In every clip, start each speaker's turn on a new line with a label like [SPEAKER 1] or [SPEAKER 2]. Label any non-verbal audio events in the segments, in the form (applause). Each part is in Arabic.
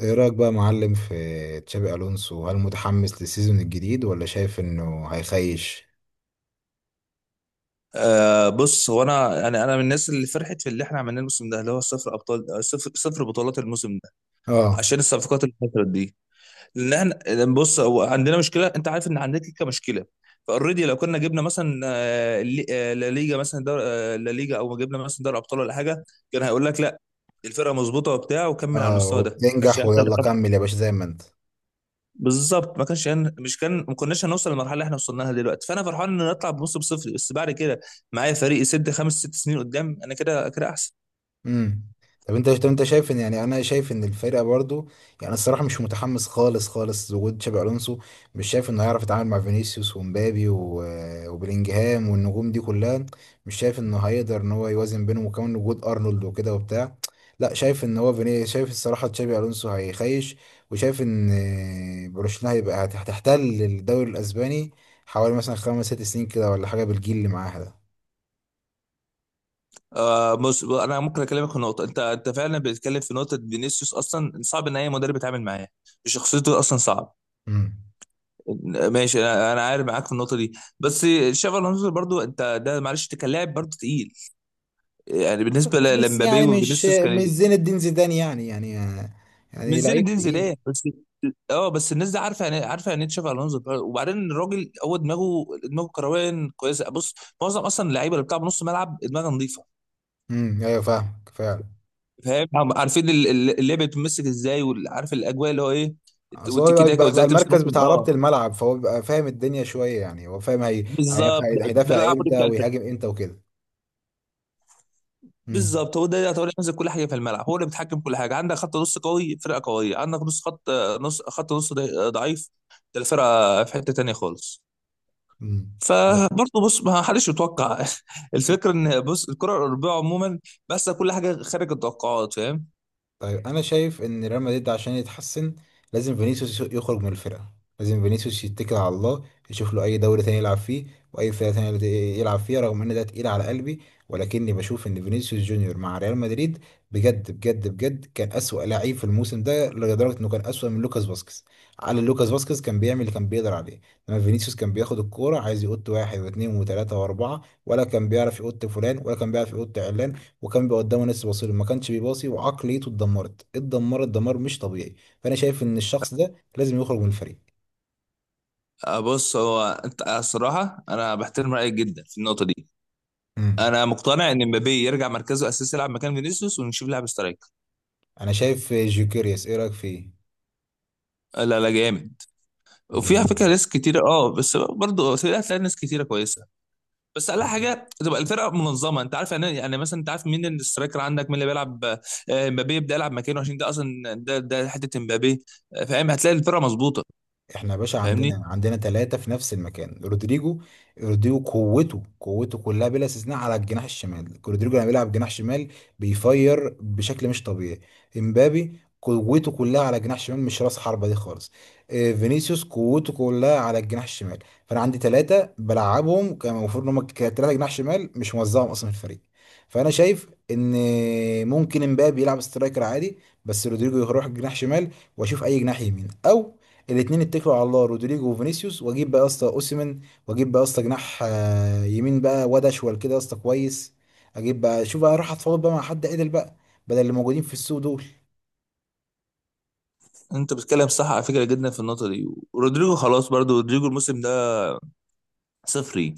[SPEAKER 1] ايه رأيك بقى يا معلم في تشابي الونسو؟ هل متحمس للسيزون الجديد ولا شايف انه هيخيش؟
[SPEAKER 2] بص هو انا من الناس اللي فرحت في اللي احنا عملناه الموسم ده اللي هو صفر ابطال، صفر صفر بطولات الموسم ده،
[SPEAKER 1] اه.
[SPEAKER 2] عشان الصفقات اللي حصلت دي. لان احنا لأن بص هو عندنا مشكله، انت عارف ان عندنا كيكه مشكله. فاوريدي، لو كنا جبنا مثلا لا ليجا، مثلا دور آه، لا ليجا، او جبنا مثلا دوري ابطال ولا حاجه، كان هيقول لك لا الفرقه مظبوطه وبتاع وكمل على
[SPEAKER 1] اه،
[SPEAKER 2] المستوى ده، ما كانش
[SPEAKER 1] وبتنجح
[SPEAKER 2] هيحصل.
[SPEAKER 1] ويلا كمل يا باشا زي ما انت.
[SPEAKER 2] بالظبط، ما كانش هن... مش كان ما كناش هنوصل للمرحله اللي احنا وصلنا لها دلوقتي، فانا فرحان ان نطلع بموسم صفر، بس بعد كده معايا فريق يسد خمس ست سنين قدام، انا كده كده احسن.
[SPEAKER 1] امم. طب انت شايف ان يعني انا شايف ان الفرقه برضو، يعني الصراحه مش متحمس خالص خالص وجود تشابي الونسو. مش شايف انه هيعرف يتعامل مع فينيسيوس ومبابي وبلينجهام والنجوم دي كلها، مش شايف انه هيقدر ان هو يوازن بينهم وكمان وجود ارنولد وكده وبتاع. لا، شايف ان هو فيني، شايف الصراحه تشابي الونسو هيخيش. وشايف ان برشلونه هيبقى هتحتل الدوري الاسباني حوالي مثلا 5 6 سنين كده ولا حاجه بالجيل اللي معاها ده.
[SPEAKER 2] بص، انا ممكن اكلمك في نقطه. انت فعلا بتتكلم في نقطه، فينيسيوس اصلا صعب ان اي مدرب يتعامل معاه، شخصيته اصلا صعب.
[SPEAKER 1] امم.
[SPEAKER 2] ماشي، انا عارف معاك في النقطه دي. بس شافي الونسو برضو، انت ده معلش انت كان لاعب برضو تقيل، يعني بالنسبه
[SPEAKER 1] بس
[SPEAKER 2] لمبابي
[SPEAKER 1] يعني مش
[SPEAKER 2] وفينيسيوس كان
[SPEAKER 1] مش
[SPEAKER 2] إيه؟
[SPEAKER 1] زين الدين زيدان، يعني يعني
[SPEAKER 2] من
[SPEAKER 1] يعني
[SPEAKER 2] زين
[SPEAKER 1] لعيب
[SPEAKER 2] الدين
[SPEAKER 1] تقيل.
[SPEAKER 2] زيدان بس. اه بس الناس دي عارفه يعني إيه؟ عارفه يعني ايه تشافي الونزو. وبعدين الراجل هو دماغه كرويا كويسه، بص. معظم اصلا اللعيبه اللي بتلعب نص ملعب دماغها نظيفه،
[SPEAKER 1] امم، ايوه، فاهمك فعلا.
[SPEAKER 2] فاهم. عارفين اللعبه بتمسك ازاي، وعارف الاجواء اللي هو ايه،
[SPEAKER 1] اصل هو
[SPEAKER 2] والتيكي
[SPEAKER 1] يبقى
[SPEAKER 2] تاكا
[SPEAKER 1] بيبقى
[SPEAKER 2] وازاي تمسك نص.
[SPEAKER 1] المركز بتاع
[SPEAKER 2] اه
[SPEAKER 1] ربط الملعب، فهو بيبقى فاهم الدنيا شويه، يعني هو فاهم.
[SPEAKER 2] بالظبط، ده
[SPEAKER 1] هيدافع
[SPEAKER 2] العمود
[SPEAKER 1] امتى
[SPEAKER 2] بتاع الفريق.
[SPEAKER 1] ويهاجم امتى وكده. امم.
[SPEAKER 2] بالظبط، هو ده هو اللي هتقول ينزل كل حاجه في الملعب، هو اللي بيتحكم كل حاجه. عندك خط نص قوي، فرقه قويه. عندك نص خط، نص خط نص ضعيف، ده الفرقه في حته تانيه خالص.
[SPEAKER 1] امم.
[SPEAKER 2] فبرضه بص، ما حدش يتوقع (laughs) الفكره ان بص الكره الاوروبيه عموما بس كل حاجه خارج التوقعات، فاهم.
[SPEAKER 1] طيب، انا شايف ان ريال مدريد عشان يتحسن لازم فينيسيوس يخرج من الفرقه. لازم فينيسيوس يتكل على الله، يشوف له اي دوري تاني يلعب فيه، واي فرقه تانيه يلعب فيها، رغم ان ده تقيل على قلبي. ولكني بشوف ان فينيسيوس جونيور مع ريال مدريد بجد بجد بجد كان اسوأ لعيب في الموسم ده، لدرجه انه كان اسوأ من لوكاس فاسكيز. على لوكاس فاسكيز كان بيعمل اللي كان بيقدر عليه، انما فينيسيوس كان بياخد الكوره عايز يقط واحد واثنين وثلاثه واربعه، ولا كان بيعرف يقط فلان، ولا كان بيعرف يقط علان، وكان بيبقى قدامه ناس بيباصيله ما كانش بيباصي، وعقليته اتدمرت اتدمرت دمار مش طبيعي. فانا شايف ان الشخص ده لازم يخرج من الفريق.
[SPEAKER 2] بص هو انت، الصراحه انا بحترم رايك جدا في النقطه دي.
[SPEAKER 1] امم.
[SPEAKER 2] انا مقتنع ان مبابي يرجع مركزه الاساسي، يلعب مكان فينيسيوس، ونشوف لاعب سترايك.
[SPEAKER 1] انا شايف جوكيريس، ايه رايك فيه؟
[SPEAKER 2] لا لا، جامد، وفيها
[SPEAKER 1] جميل.
[SPEAKER 2] فكره. ناس كتيره، بس برضه هتلاقي ناس كتيره كويسه. بس اقل حاجه تبقى الفرقه منظمه، انت عارف، يعني مثلا، انت عارف مين الاسترايكر عندك، مين اللي بيلعب. مبابي يبدا يلعب مكانه، عشان ده اصلا ده حته مبابي، فاهم. هتلاقي الفرقه مظبوطه،
[SPEAKER 1] احنا يا باشا
[SPEAKER 2] فاهمني.
[SPEAKER 1] عندنا 3 في نفس المكان. رودريجو، رودريجو قوته قوته كلها بلا استثناء على الجناح الشمال. رودريجو لما بيلعب جناح شمال بيفير بشكل مش طبيعي. امبابي قوته كلها على جناح شمال، مش راس حربة دي خالص. فينيسيوس قوته كلها على الجناح الشمال. فانا عندي 3 بلعبهم، كان المفروض ان هم 3 جناح شمال، مش موزعهم اصلا في الفريق. فانا شايف ان ممكن امبابي يلعب سترايكر عادي، بس رودريجو يروح جناح شمال، واشوف اي جناح يمين، او الاثنين اتكلوا على الله رودريجو وفينيسيوس، واجيب بقى يا اسطى اوسيمين، واجيب بقى يا اسطى جناح يمين بقى، واد اشول كده يا اسطى كويس، اجيب بقى شوف بقى، راح اتفاوض بقى مع حد عدل بقى، بدل اللي موجودين في السوق دول.
[SPEAKER 2] انت بتتكلم صح على فكره جدا في النقطه دي. ورودريجو خلاص برضو، رودريجو الموسم ده صفري،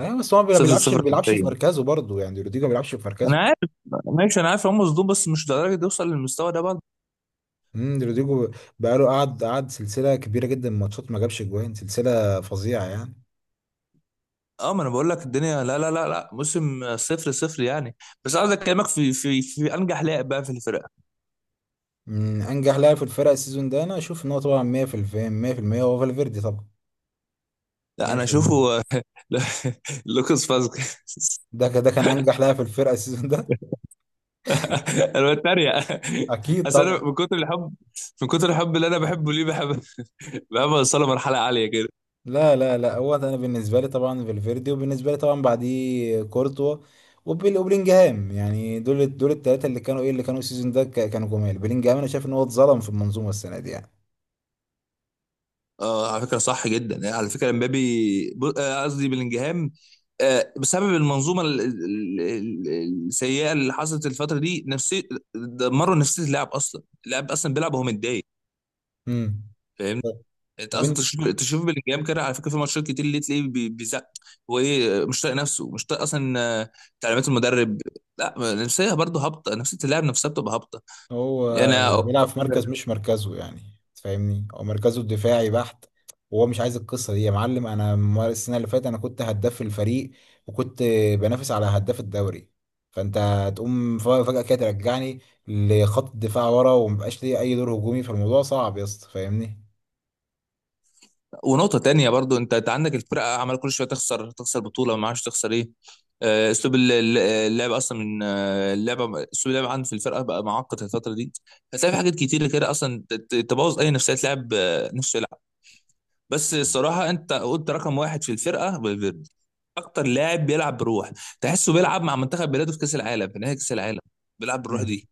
[SPEAKER 1] اه بس هو ما
[SPEAKER 2] صفر
[SPEAKER 1] بيلعبش
[SPEAKER 2] صفر
[SPEAKER 1] ما بيلعبش في
[SPEAKER 2] حرفيا.
[SPEAKER 1] مركزه برضه، يعني رودريجو ما بيلعبش في
[SPEAKER 2] انا
[SPEAKER 1] مركزه.
[SPEAKER 2] عارف، ماشي، انا عارف هم مصدوم، بس مش لدرجه يوصل للمستوى ده برضه.
[SPEAKER 1] امم. رودريجو بقى له قعد سلسله كبيره جدا من ماتشات ما جابش جوان، سلسله فظيعه يعني.
[SPEAKER 2] اه، ما انا بقول لك الدنيا لا لا لا لا، موسم صفر صفر يعني. بس عايز اكلمك في انجح لاعب بقى في الفرقه.
[SPEAKER 1] من انجح لاعب في الفرق السيزون ده، انا اشوف ان هو طبعا 100% 100% هو فالفيردي طبعا.
[SPEAKER 2] لا، انا
[SPEAKER 1] 100%.
[SPEAKER 2] اشوفه (laughs) لوكاس فاسكيز.
[SPEAKER 1] ده كان انجح لاعب في الفرقه السيزون ده.
[SPEAKER 2] انا بتريق،
[SPEAKER 1] (laughs) اكيد
[SPEAKER 2] اصل انا
[SPEAKER 1] طبعا.
[SPEAKER 2] من كتر الحب، من كتر الحب اللي انا بحبه ليه، بحب (laughs) بحب اوصله مرحله عاليه كده.
[SPEAKER 1] لا لا لا، هو انا بالنسبه لي طبعا فالفيردي، وبالنسبه لي طبعا بعديه كورتوا وبلينجهام. يعني دول دول الثلاثه اللي كانوا ايه، اللي كانوا السيزون ده كانوا جمال. بلينجهام انا شايف ان هو اتظلم في المنظومه السنه دي يعني.
[SPEAKER 2] اه، على فكره صح جدا يعني، على فكره امبابي قصدي بلينجهام، بسبب المنظومه السيئه اللي حصلت الفتره دي. نفسي دمروا نفسيه اللاعب، اصلا اللاعب اصلا بيلعب وهو متضايق،
[SPEAKER 1] امم.
[SPEAKER 2] فاهمني. انت
[SPEAKER 1] طب
[SPEAKER 2] اصلا
[SPEAKER 1] انت،
[SPEAKER 2] تشوف بلينجهام كده على فكره، في ماتشات كتير اللي تلاقيه بيزق. هو ايه، مش طايق نفسه، مش طايق اصلا تعليمات المدرب. لا نفسيه برضه هابطه، نفسيه اللاعب نفسها بتبقى هابطه.
[SPEAKER 1] هو
[SPEAKER 2] انا،
[SPEAKER 1] بيلعب في مركز مش مركزه يعني، تفهمني هو مركزه الدفاعي بحت، وهو مش عايز القصة دي يا معلم. انا السنة اللي فاتت انا كنت هداف الفريق، وكنت بنافس على هداف الدوري. فانت تقوم فجأة كده ترجعني لخط الدفاع ورا، ومبقاش ليه اي دور هجومي. فالموضوع صعب يا اسطى، فاهمني.
[SPEAKER 2] ونقطه تانية برضه، انت عندك الفرقه عمال كل شويه تخسر، تخسر بطوله، ما عادش تخسر ايه. اسلوب اللعب اصلا، من اللعبه، اسلوب اللعب عندي في الفرقه بقى معقد الفتره دي. هتلاقي في حاجات كتير كده اصلا تبوظ اي نفسيه لاعب، نفسه. بس الصراحه، انت قلت رقم واحد في الفرقه فالفيردي، اكتر لاعب بيلعب بروح، تحسه بيلعب مع منتخب بلاده في كاس العالم، في نهائي كاس العالم بيلعب بالروح
[SPEAKER 1] مم.
[SPEAKER 2] دي.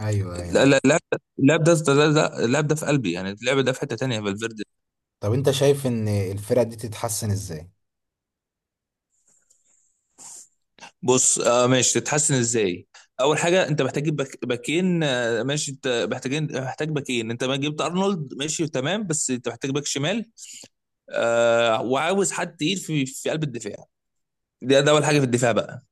[SPEAKER 1] ايوه ايوه
[SPEAKER 2] لا
[SPEAKER 1] ايوه.
[SPEAKER 2] لا لا، اللاعب اللاعب ده في قلبي، يعني اللعب ده في حته تانيه، فالفيردي.
[SPEAKER 1] طب انت شايف ان الفرقة دي تتحسن ازاي؟
[SPEAKER 2] بص، ماشي، تتحسن ازاي. اول حاجه، انت محتاج تجيب باكين، ماشي، انت محتاج باكين. انت ما جبت ارنولد ماشي تمام، بس انت محتاج باك شمال، وعاوز حد تقيل في قلب الدفاع. ده اول حاجه في الدفاع بقى.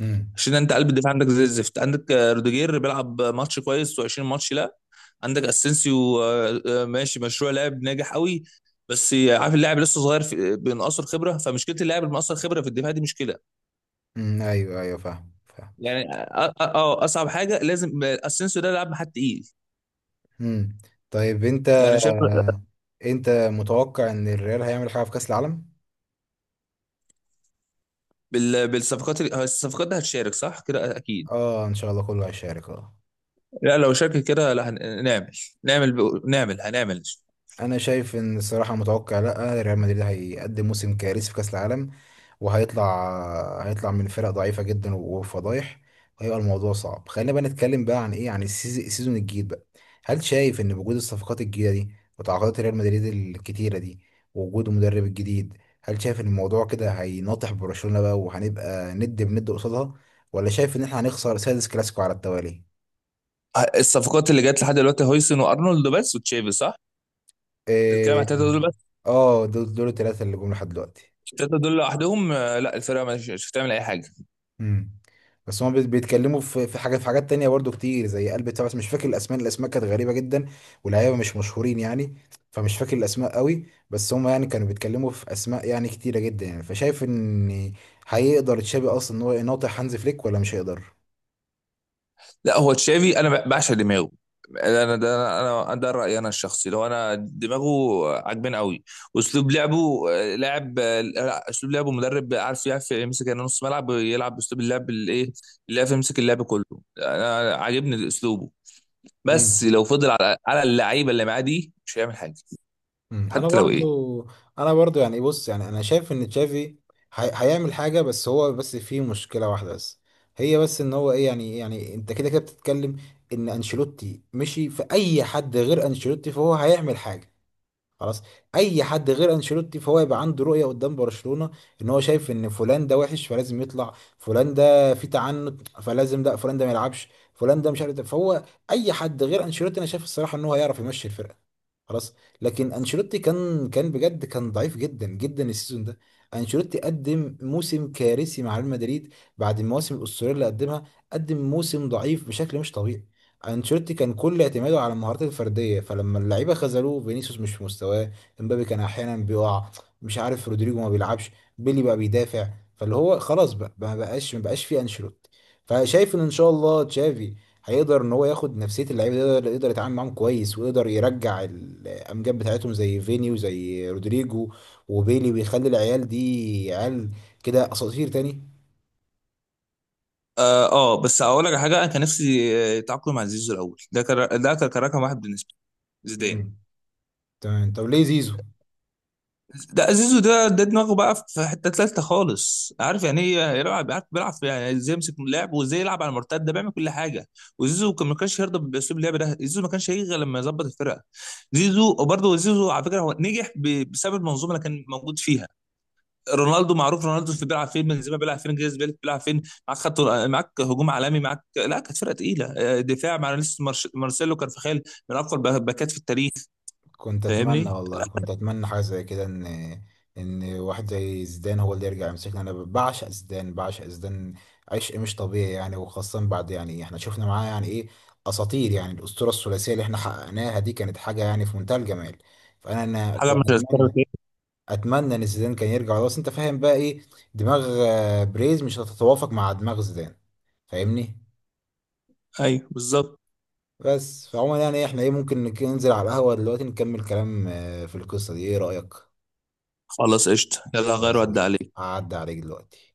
[SPEAKER 1] امم.
[SPEAKER 2] عشان انت قلب الدفاع عندك زي الزفت، عندك روديجير بيلعب ماتش كويس و20 ماتش لا. عندك اسينسيو ماشي، مشروع لاعب ناجح قوي، بس عارف اللاعب لسه صغير، في بينقصر خبره. فمشكله اللاعب المقصر خبره في الدفاع دي مشكله،
[SPEAKER 1] مم. ايوه ايوه فاهم فاهم.
[SPEAKER 2] يعني اصعب حاجه لازم، اسينسيو ده لاعب حد تقيل.
[SPEAKER 1] امم. طيب انت
[SPEAKER 2] يعني شايف،
[SPEAKER 1] انت متوقع ان الريال هيعمل حاجه في كاس العالم؟
[SPEAKER 2] بالصفقات الصفقات دي هتشارك صح كده اكيد.
[SPEAKER 1] اه، ان شاء الله كله هيشارك، اه.
[SPEAKER 2] لا لو شارك كده، لا هن- نعمل نعمل ب- نعمل هنعمل.
[SPEAKER 1] انا شايف ان الصراحه متوقع، لا، ريال مدريد هيقدم موسم كارثي في كاس العالم، وهيطلع من فرق ضعيفه جدا وفضايح، وهيبقى الموضوع صعب. خلينا بقى نتكلم بقى عن ايه، عن السيزون الجديد بقى. هل شايف ان وجود الصفقات الجديده دي، وتعاقدات ريال مدريد الكتيره دي، ووجود المدرب الجديد، هل شايف ان الموضوع كده هيناطح برشلونه بقى وهنبقى ند بند قصادها، ولا شايف ان احنا هنخسر سادس كلاسيكو على التوالي؟
[SPEAKER 2] الصفقات اللي جت لحد دلوقتي هويسن وارنولد بس وتشافي، صح؟ الكلام على
[SPEAKER 1] إيه.
[SPEAKER 2] التلاته دول.
[SPEAKER 1] اه، دول دول الثلاثه اللي جم لحد دلوقتي.
[SPEAKER 2] التلاتة دول لوحدهم لا الفرقة مش هتعمل أي حاجة.
[SPEAKER 1] امم. بس هما بيتكلموا في حاجات تانية برضو كتير زي قلب بتاع، بس مش فاكر الاسماء. الاسماء كانت غريبة جدا واللعيبة مش مشهورين يعني. فمش فاكر الاسماء قوي، بس هما يعني كانوا بيتكلموا في اسماء يعني كتيرة جدا يعني. فشايف ان هيقدر تشابي اصلا ان هو يناطح هانز فليك ولا مش هيقدر؟
[SPEAKER 2] لا هو تشافي، أنا بعشق دماغه. أنا ده رأيي أنا الشخصي، لو أنا. دماغه عاجباني قوي، وأسلوب لعبه، آه، لاعب آه، لا، أسلوب لعبه مدرب يعرف يمسك يعني نص ملعب، يلعب بأسلوب اللعب الإيه، اللي يعرف يمسك اللعب كله. أنا عاجبني أسلوبه، بس لو فضل على اللعيبة اللي معاه دي مش هيعمل حاجة،
[SPEAKER 1] مم. انا
[SPEAKER 2] حتى لو إيه.
[SPEAKER 1] برضو انا برضو يعني بص، يعني انا شايف ان تشافي هيعمل حاجه. بس هو بس فيه مشكله واحده بس، هي بس ان هو ايه يعني، يعني انت كده كده بتتكلم ان انشيلوتي مشي. في اي حد غير انشيلوتي فهو هيعمل حاجه. خلاص. اي حد غير انشيلوتي فهو يبقى عنده رؤيه قدام برشلونه. ان هو شايف ان فلان ده وحش فلازم يطلع، فلان ده في تعنت فلازم لا، فلان ده ما يلعبش، فلان ده مش عارف ده. فهو اي حد غير انشيلوتي انا شايف الصراحه ان هو هيعرف يمشي الفرقه. خلاص. لكن انشيلوتي كان بجد كان ضعيف جدا جدا السيزون ده. انشيلوتي قدم موسم كارثي مع ريال مدريد بعد المواسم الاسطوريه اللي قدمها. قدم موسم ضعيف بشكل مش طبيعي. انشيلوتي كان كل اعتماده على المهارات الفرديه، فلما اللعيبه خذلوه، فينيسيوس مش في مستواه، امبابي كان احيانا بيقع، مش عارف، رودريجو ما بيلعبش، بيلي بقى بيدافع، فاللي هو خلاص بقى، ما بقاش في انشيلوتي. فشايف ان ان شاء الله تشافي هيقدر ان هو ياخد نفسيه اللعيبه دي، يقدر يتعامل معاهم كويس، ويقدر يرجع الامجاد بتاعتهم زي فيني وزي رودريجو وبيلي، ويخلي العيال دي عيال كده اساطير تاني.
[SPEAKER 2] بس هقول لك على حاجه. انا كان نفسي يتعاقدوا مع زيزو الاول، ده كان رقم واحد بالنسبه لي زيدان.
[SPEAKER 1] مم. تمام. طب ليه زيزو؟
[SPEAKER 2] ده زيزو، ده دماغه بقى في حته تالته خالص، عارف يعني ايه يلعب، عارف بيلعب في، يعني ازاي يمسك اللعب وازاي يلعب على المرتد، ده بيعمل كل حاجه. وزيزو كان ما كانش يرضى باسلوب اللعب ده، زيزو ما كانش هيجي غير لما يظبط الفرقه. زيزو، وبرضه زيزو على فكره هو نجح بسبب المنظومه اللي كان موجود فيها. رونالدو معروف، رونالدو في بيلعب فين، بنزيما بيلعب فين، جريز بيلعب فين. معاك خط، معاك هجوم عالمي، معاك لا، كانت فرقه تقيله، دفاع مع لسه مارسيلو كارفخال، من اقوى الباكات في التاريخ،
[SPEAKER 1] كنت اتمنى
[SPEAKER 2] فاهمني.
[SPEAKER 1] والله كنت اتمنى حاجه زي كده، ان واحد زي زيدان هو اللي يرجع يمسكنا. انا بعشق زيدان، بعشق زيدان عشق مش طبيعي يعني. وخاصه بعد، يعني احنا شفنا معاه يعني ايه، اساطير. يعني الاسطوره الثلاثيه اللي احنا حققناها دي كانت حاجه يعني في منتهى الجمال. فانا انا ك-
[SPEAKER 2] حاجه مش هتتكرر
[SPEAKER 1] اتمنى
[SPEAKER 2] تاني.
[SPEAKER 1] اتمنى ان زيدان كان يرجع. بس انت فاهم بقى ايه، دماغ بريز مش هتتوافق مع دماغ زيدان، فاهمني.
[SPEAKER 2] ايوه بالظبط.
[SPEAKER 1] بس فعموما يعني احنا ايه، ممكن ننزل على القهوه دلوقتي، نكمل كلام في القصه دي، ايه رايك؟
[SPEAKER 2] خلاص قشطة، يلا غير
[SPEAKER 1] خلاص
[SPEAKER 2] ودي
[SPEAKER 1] قشطة.
[SPEAKER 2] عليك.
[SPEAKER 1] هعدي عليك دلوقتي.